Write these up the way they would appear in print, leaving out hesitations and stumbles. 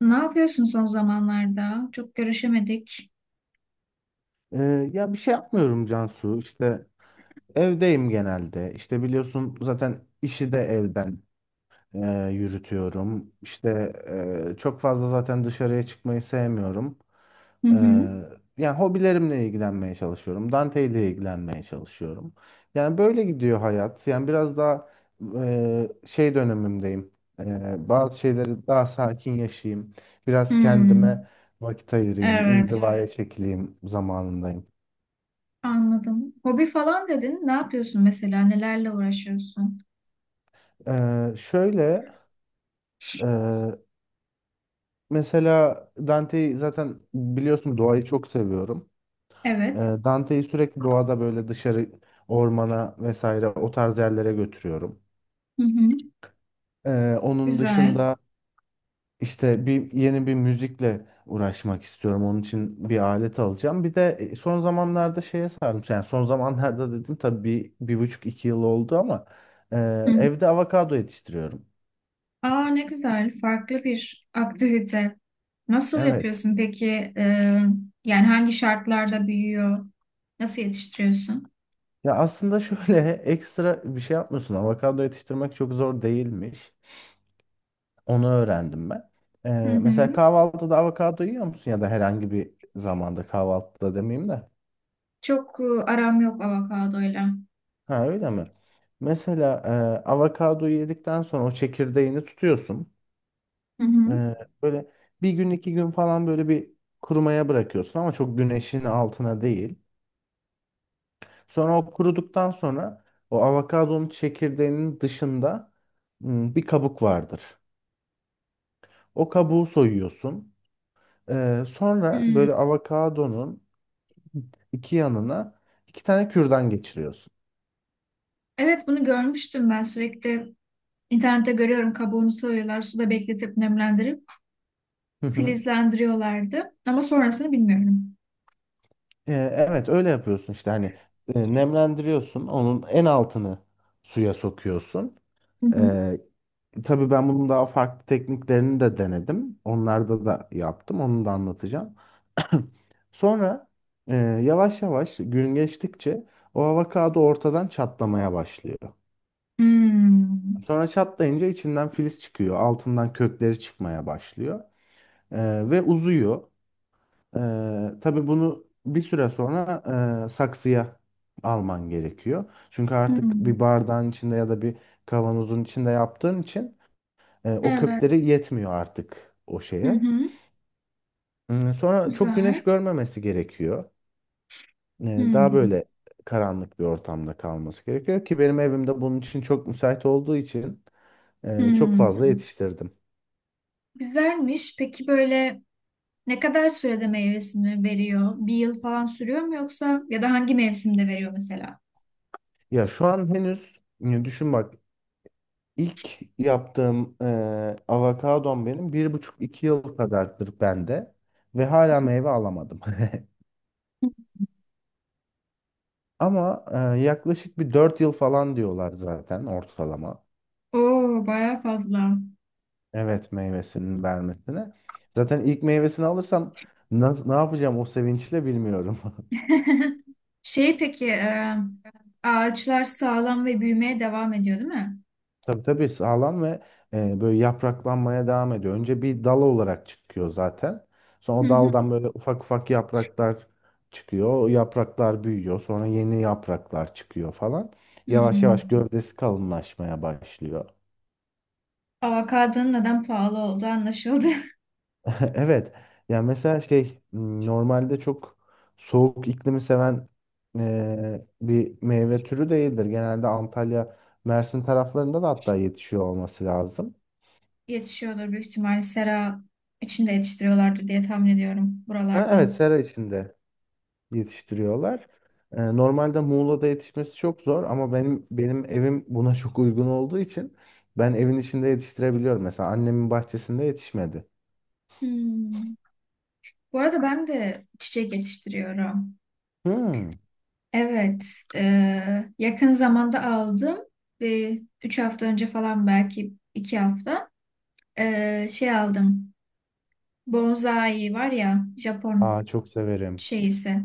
Ne yapıyorsun son zamanlarda? Çok görüşemedik. Ya bir şey yapmıyorum Cansu. İşte evdeyim genelde. İşte biliyorsun zaten işi de evden yürütüyorum. İşte çok fazla zaten dışarıya çıkmayı sevmiyorum. Hı Ee, hı. Yani hobilerimle ilgilenmeye çalışıyorum. Dante ile ilgilenmeye çalışıyorum. Yani böyle gidiyor hayat. Yani biraz daha şey dönemimdeyim. Bazı şeyleri daha sakin yaşayayım. Biraz Hmm, kendime vakit ayırayım. evet, İnzivaya çekileyim zamanındayım. anladım. Hobi falan dedin. Ne yapıyorsun mesela? Nelerle uğraşıyorsun? Şöyle e, mesela Dante'yi zaten biliyorsun, doğayı çok seviyorum. Evet. Dante'yi sürekli doğada böyle dışarı, ormana vesaire o tarz yerlere götürüyorum. Hı hı. Onun Güzel. dışında işte yeni bir müzikle uğraşmak istiyorum. Onun için bir alet alacağım. Bir de son zamanlarda şeye sardım. Yani son zamanlarda dedim tabii bir buçuk iki yıl oldu ama e, Hı hı. evde avokado yetiştiriyorum. Aa ne güzel. Farklı bir aktivite. Nasıl Evet. yapıyorsun peki? Yani hangi şartlarda büyüyor? Nasıl yetiştiriyorsun? Ya aslında şöyle ekstra bir şey yapmıyorsun. Avokado yetiştirmek çok zor değilmiş. Onu öğrendim ben. Hı Mesela hı. kahvaltıda avokado yiyor musun? Ya da herhangi bir zamanda, kahvaltıda demeyeyim de. Çok aram yok avokadoyla. Ha, öyle mi? Mesela avokadoyu yedikten sonra o çekirdeğini tutuyorsun. Hı hı. Ee, Böyle bir gün iki gün falan böyle bir kurumaya bırakıyorsun ama çok güneşin altına değil. Sonra o kuruduktan sonra o avokadonun çekirdeğinin dışında bir kabuk vardır. O kabuğu soyuyorsun. Sonra Hmm. böyle avokadonun iki yanına iki tane kürdan geçiriyorsun. Evet bunu görmüştüm ben sürekli İnternette görüyorum, kabuğunu soyuyorlar, suda bekletip nemlendirip Hı hı. filizlendiriyorlardı. Ama sonrasını bilmiyorum. Evet, öyle yapıyorsun işte, hani nemlendiriyorsun. Onun en altını suya sokuyorsun. Hı hı. Ee, tabii ben bunun daha farklı tekniklerini de denedim. Onlarda da yaptım. Onu da anlatacağım. Sonra yavaş yavaş gün geçtikçe o avokado ortadan çatlamaya başlıyor. Hmm. Sonra çatlayınca içinden filiz çıkıyor. Altından kökleri çıkmaya başlıyor. Ve uzuyor. Tabii bunu bir süre sonra saksıya alman gerekiyor. Çünkü artık bir Hmm. bardağın içinde ya da bir kavanozun içinde yaptığın için o Evet. kökleri yetmiyor artık o Hı şeye. hı. Sonra çok güneş Güzel. görmemesi gerekiyor. Daha Hmm. böyle karanlık bir ortamda kalması gerekiyor ki benim evimde bunun için çok müsait olduğu için çok fazla Hmm. yetiştirdim. Güzelmiş. Peki böyle ne kadar sürede meyvesini veriyor? Bir yıl falan sürüyor mu, yoksa ya da hangi mevsimde veriyor mesela? Ya şu an henüz düşün bak, ilk yaptığım avokadom benim bir buçuk iki yıl kadardır bende ve hala meyve alamadım. Ama yaklaşık bir 4 yıl falan diyorlar zaten ortalama. Oo, bayağı fazla. Evet, meyvesinin vermesine. Zaten ilk meyvesini alırsam ne yapacağım o sevinçle bilmiyorum. Peki ağaçlar sağlam ve büyümeye devam ediyor değil mi? Tabii tabii, sağlam ve böyle yapraklanmaya devam ediyor. Önce bir dal olarak çıkıyor zaten. Sonra Hı o hı. daldan böyle ufak ufak yapraklar çıkıyor. O yapraklar büyüyor. Sonra yeni yapraklar çıkıyor falan. Yavaş yavaş Hmm. gövdesi kalınlaşmaya başlıyor. Avokadonun neden pahalı olduğu anlaşıldı. Evet. Yani mesela şey normalde çok soğuk iklimi seven bir meyve türü değildir. Genelde Antalya, Mersin taraflarında da hatta yetişiyor olması lazım. Yetişiyordur büyük ihtimalle, sera içinde yetiştiriyorlardır diye tahmin ediyorum Ha, buralarda. evet, sera içinde yetiştiriyorlar. Normalde Muğla'da yetişmesi çok zor ama benim evim buna çok uygun olduğu için ben evin içinde yetiştirebiliyorum. Mesela annemin bahçesinde yetişmedi. Hmm. Bu arada ben de çiçek yetiştiriyorum. Hmm. Evet, e, yakın zamanda aldım. Bir, üç hafta önce falan, belki iki hafta şey aldım. Bonsai var ya, Japon Aa, çok severim. şeyisi.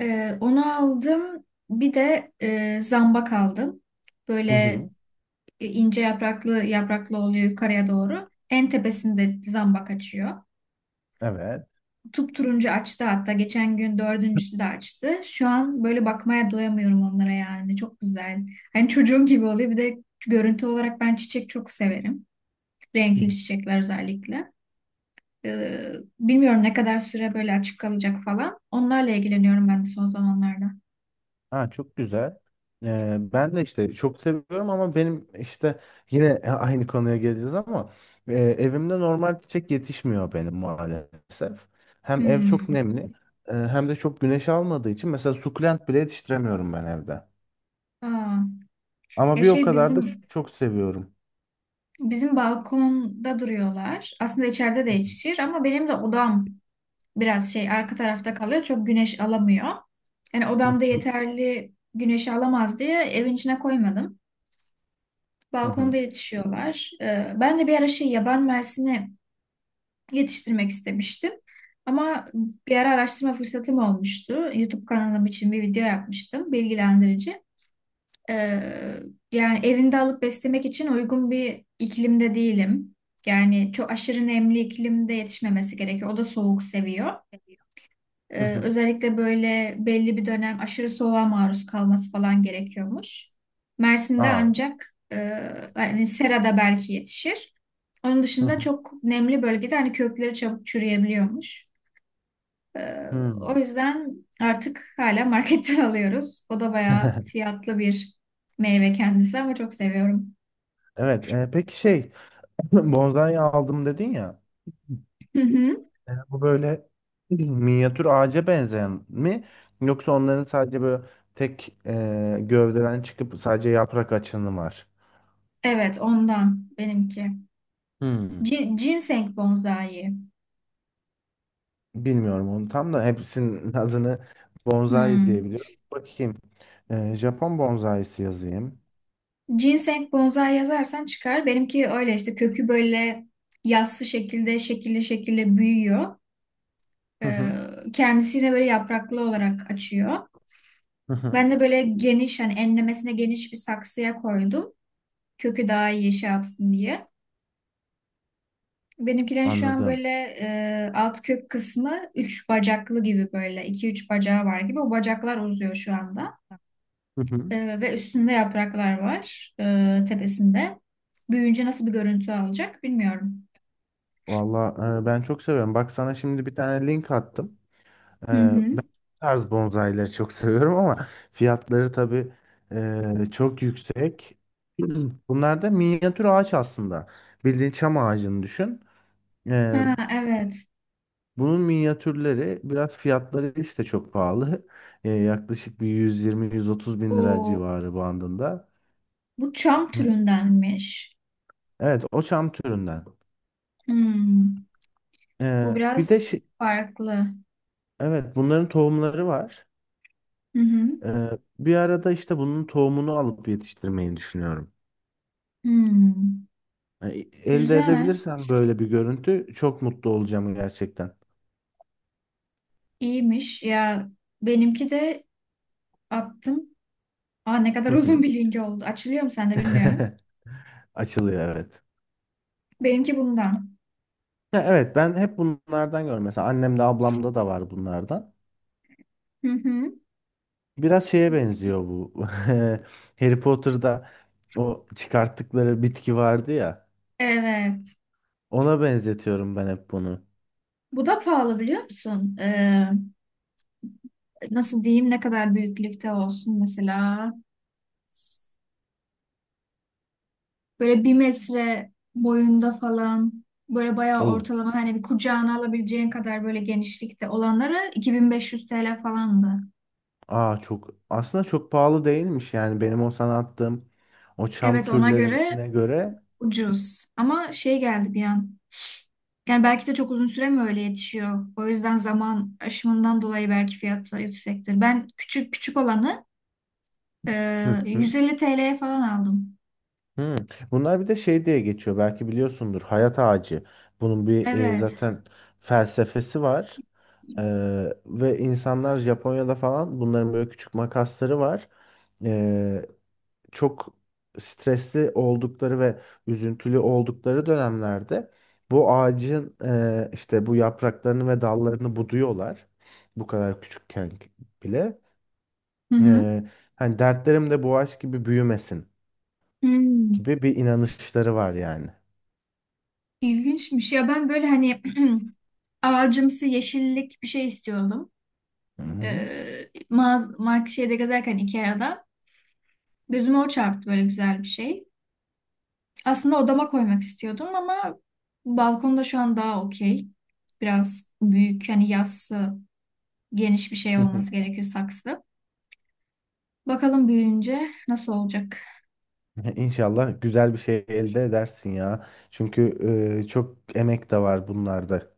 Onu aldım. Bir de zambak aldım. Böyle Hı hı. İnce yapraklı yapraklı oluyor yukarıya doğru. En tepesinde zambak açıyor. Evet. Turuncu açtı hatta. Geçen gün dördüncüsü de açtı. Şu an böyle bakmaya doyamıyorum onlara yani. Çok güzel. Hani çocuğum gibi oluyor. Bir de görüntü olarak ben çiçek çok severim. Renkli çiçekler özellikle. Ee, bilmiyorum ne kadar süre böyle açık kalacak falan. Onlarla ilgileniyorum ben de son zamanlarda. Ha, çok güzel. Ben de işte çok seviyorum ama benim işte yine aynı konuya geleceğiz ama evimde normal çiçek yetişmiyor benim maalesef. Hem ev çok Hmm. nemli, hem de çok güneş almadığı için mesela sukulent bile yetiştiremiyorum ben evde. Aa. Ama Ya bir o şey kadar da bizim çok seviyorum. Bizim balkonda duruyorlar. Aslında içeride de yetişir ama benim de odam biraz arka tarafta kalıyor. Çok güneş alamıyor. Yani Hı odamda hı. yeterli güneşi alamaz diye evin içine koymadım. Hı Balkonda hı. yetişiyorlar. Ben de bir ara yaban mersini yetiştirmek istemiştim. Ama bir ara araştırma fırsatım olmuştu. YouTube kanalım için bir video yapmıştım, bilgilendirici. Ee, yani evinde alıp beslemek için uygun bir iklimde değilim. Yani çok aşırı nemli iklimde yetişmemesi gerekiyor. O da soğuk seviyor. Hı hı. Özellikle böyle belli bir dönem aşırı soğuğa maruz kalması falan gerekiyormuş. Mersin'de Aa. ancak hani serada belki yetişir. Onun Hı dışında hı. çok nemli bölgede hani kökleri çabuk çürüyebiliyormuş. Ee, Hı. o yüzden artık hala marketten alıyoruz. O da bayağı fiyatlı bir meyve kendisi ama çok seviyorum. Evet, peki şey bonsai aldım dedin ya. Hı hı. Bu böyle minyatür ağaca benzeyen mi? Yoksa onların sadece böyle tek gövdeden çıkıp sadece yaprak açanı var. Evet, ondan benimki. Hmm. Ginseng bonsai. Bilmiyorum, onu tam da hepsinin adını bonsai Hmm. diyebiliyorum. Bakayım. Japon bonsaisi yazayım. Ginseng bonsai yazarsan çıkar. Benimki öyle işte, kökü böyle yassı şekilde şekilli şekilde büyüyor. Hı Ee, hı. kendisine böyle yapraklı olarak açıyor. Hı hı. Ben de böyle geniş, hani enlemesine geniş bir saksıya koydum. Kökü daha iyi şey yapsın diye. Benimkilerin şu an Anladım. böyle alt kök kısmı üç bacaklı gibi, böyle iki üç bacağı var gibi. O bacaklar uzuyor şu anda. Hı hı. Ve üstünde yapraklar var tepesinde. Büyüyünce nasıl bir görüntü alacak bilmiyorum. Valla, ben çok seviyorum. Bak, sana şimdi bir tane link attım. Ee, Hı hı. Ben bu tarz bonsaileri çok seviyorum ama fiyatları tabii çok yüksek. Bunlar da minyatür ağaç aslında. Bildiğin çam ağacını düşün. Ee, Ha, evet. Bunun minyatürleri biraz fiyatları işte çok pahalı. Yaklaşık bir 120-130 bin lira O, civarı bandında. bu çam Evet. türündenmiş. Evet, o çam türünden. Hmm. Bu Bir de biraz şey, farklı. evet bunların tohumları var. Hı hı. Ee, Bir arada işte bunun tohumunu alıp yetiştirmeyi düşünüyorum. Hmm. Yani elde Güzel. edebilirsen böyle bir görüntü, çok mutlu olacağım gerçekten. İyiymiş. Ya benimki de attım. Aa, ne kadar Hı uzun hı. bir link oldu. Açılıyor mu sende bilmiyorum. Açılıyor, evet. Benimki bundan. Ya evet, ben hep bunlardan görüyorum. Mesela annemde, ablamda da var bunlardan. Hı hı. Biraz şeye benziyor bu. Harry Potter'da o çıkarttıkları bitki vardı ya. Evet. Ona benzetiyorum ben hep bunu. Bu da pahalı biliyor musun? Nasıl diyeyim, ne kadar büyüklükte olsun mesela. Böyle bir metre boyunda falan, böyle bayağı Oo. ortalama, hani bir kucağına alabileceğin kadar böyle genişlikte olanları 2500 TL falandı. Aa, çok aslında çok pahalı değilmiş yani, benim o sana attığım o çam Evet, ona göre türlerine göre. ucuz. Ama şey geldi bir an. Yani belki de çok uzun süre mi öyle yetişiyor? O yüzden zaman aşımından dolayı belki fiyatı da yüksektir. Ben küçük küçük olanı Hı. 150 TL'ye falan aldım. Hmm. Bunlar bir de şey diye geçiyor. Belki biliyorsundur. Hayat ağacı. Bunun bir Evet. zaten felsefesi var. Hı Ve insanlar Japonya'da falan bunların böyle küçük makasları var. Ee, Çok stresli oldukları ve üzüntülü oldukları dönemlerde bu ağacın işte bu yapraklarını ve dallarını buduyorlar. Bu kadar küçükken bile. hı. Ee, Hani dertlerim de bu ağaç gibi büyümesin Hmm, gibi bir inanışları var yani. ilginçmiş. Ya ben böyle hani ağacımsı yeşillik bir şey istiyordum. Hı hı. Mağaz mark şeyde gezerken, Ikea'da. Gözüme o çarptı, böyle güzel bir şey. Aslında odama koymak istiyordum ama balkonda şu an daha okey. Biraz büyük, yani yassı geniş bir şey Hı hı. olması gerekiyor, saksı. Bakalım büyüyünce nasıl olacak. İnşallah güzel bir şey elde edersin ya. Çünkü çok emek de var bunlarda.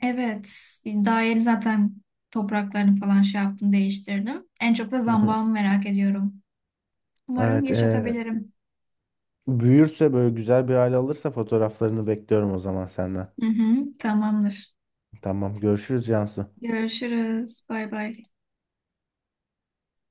Evet, daha yeni zaten topraklarını falan şey yaptım, değiştirdim. En çok da Hı hı. zambağımı merak ediyorum. Umarım Evet, yaşatabilirim. büyürse böyle güzel bir hale alırsa fotoğraflarını bekliyorum o zaman senden. Hı hı, tamamdır. Tamam, görüşürüz Cansu. Görüşürüz. Bay bay.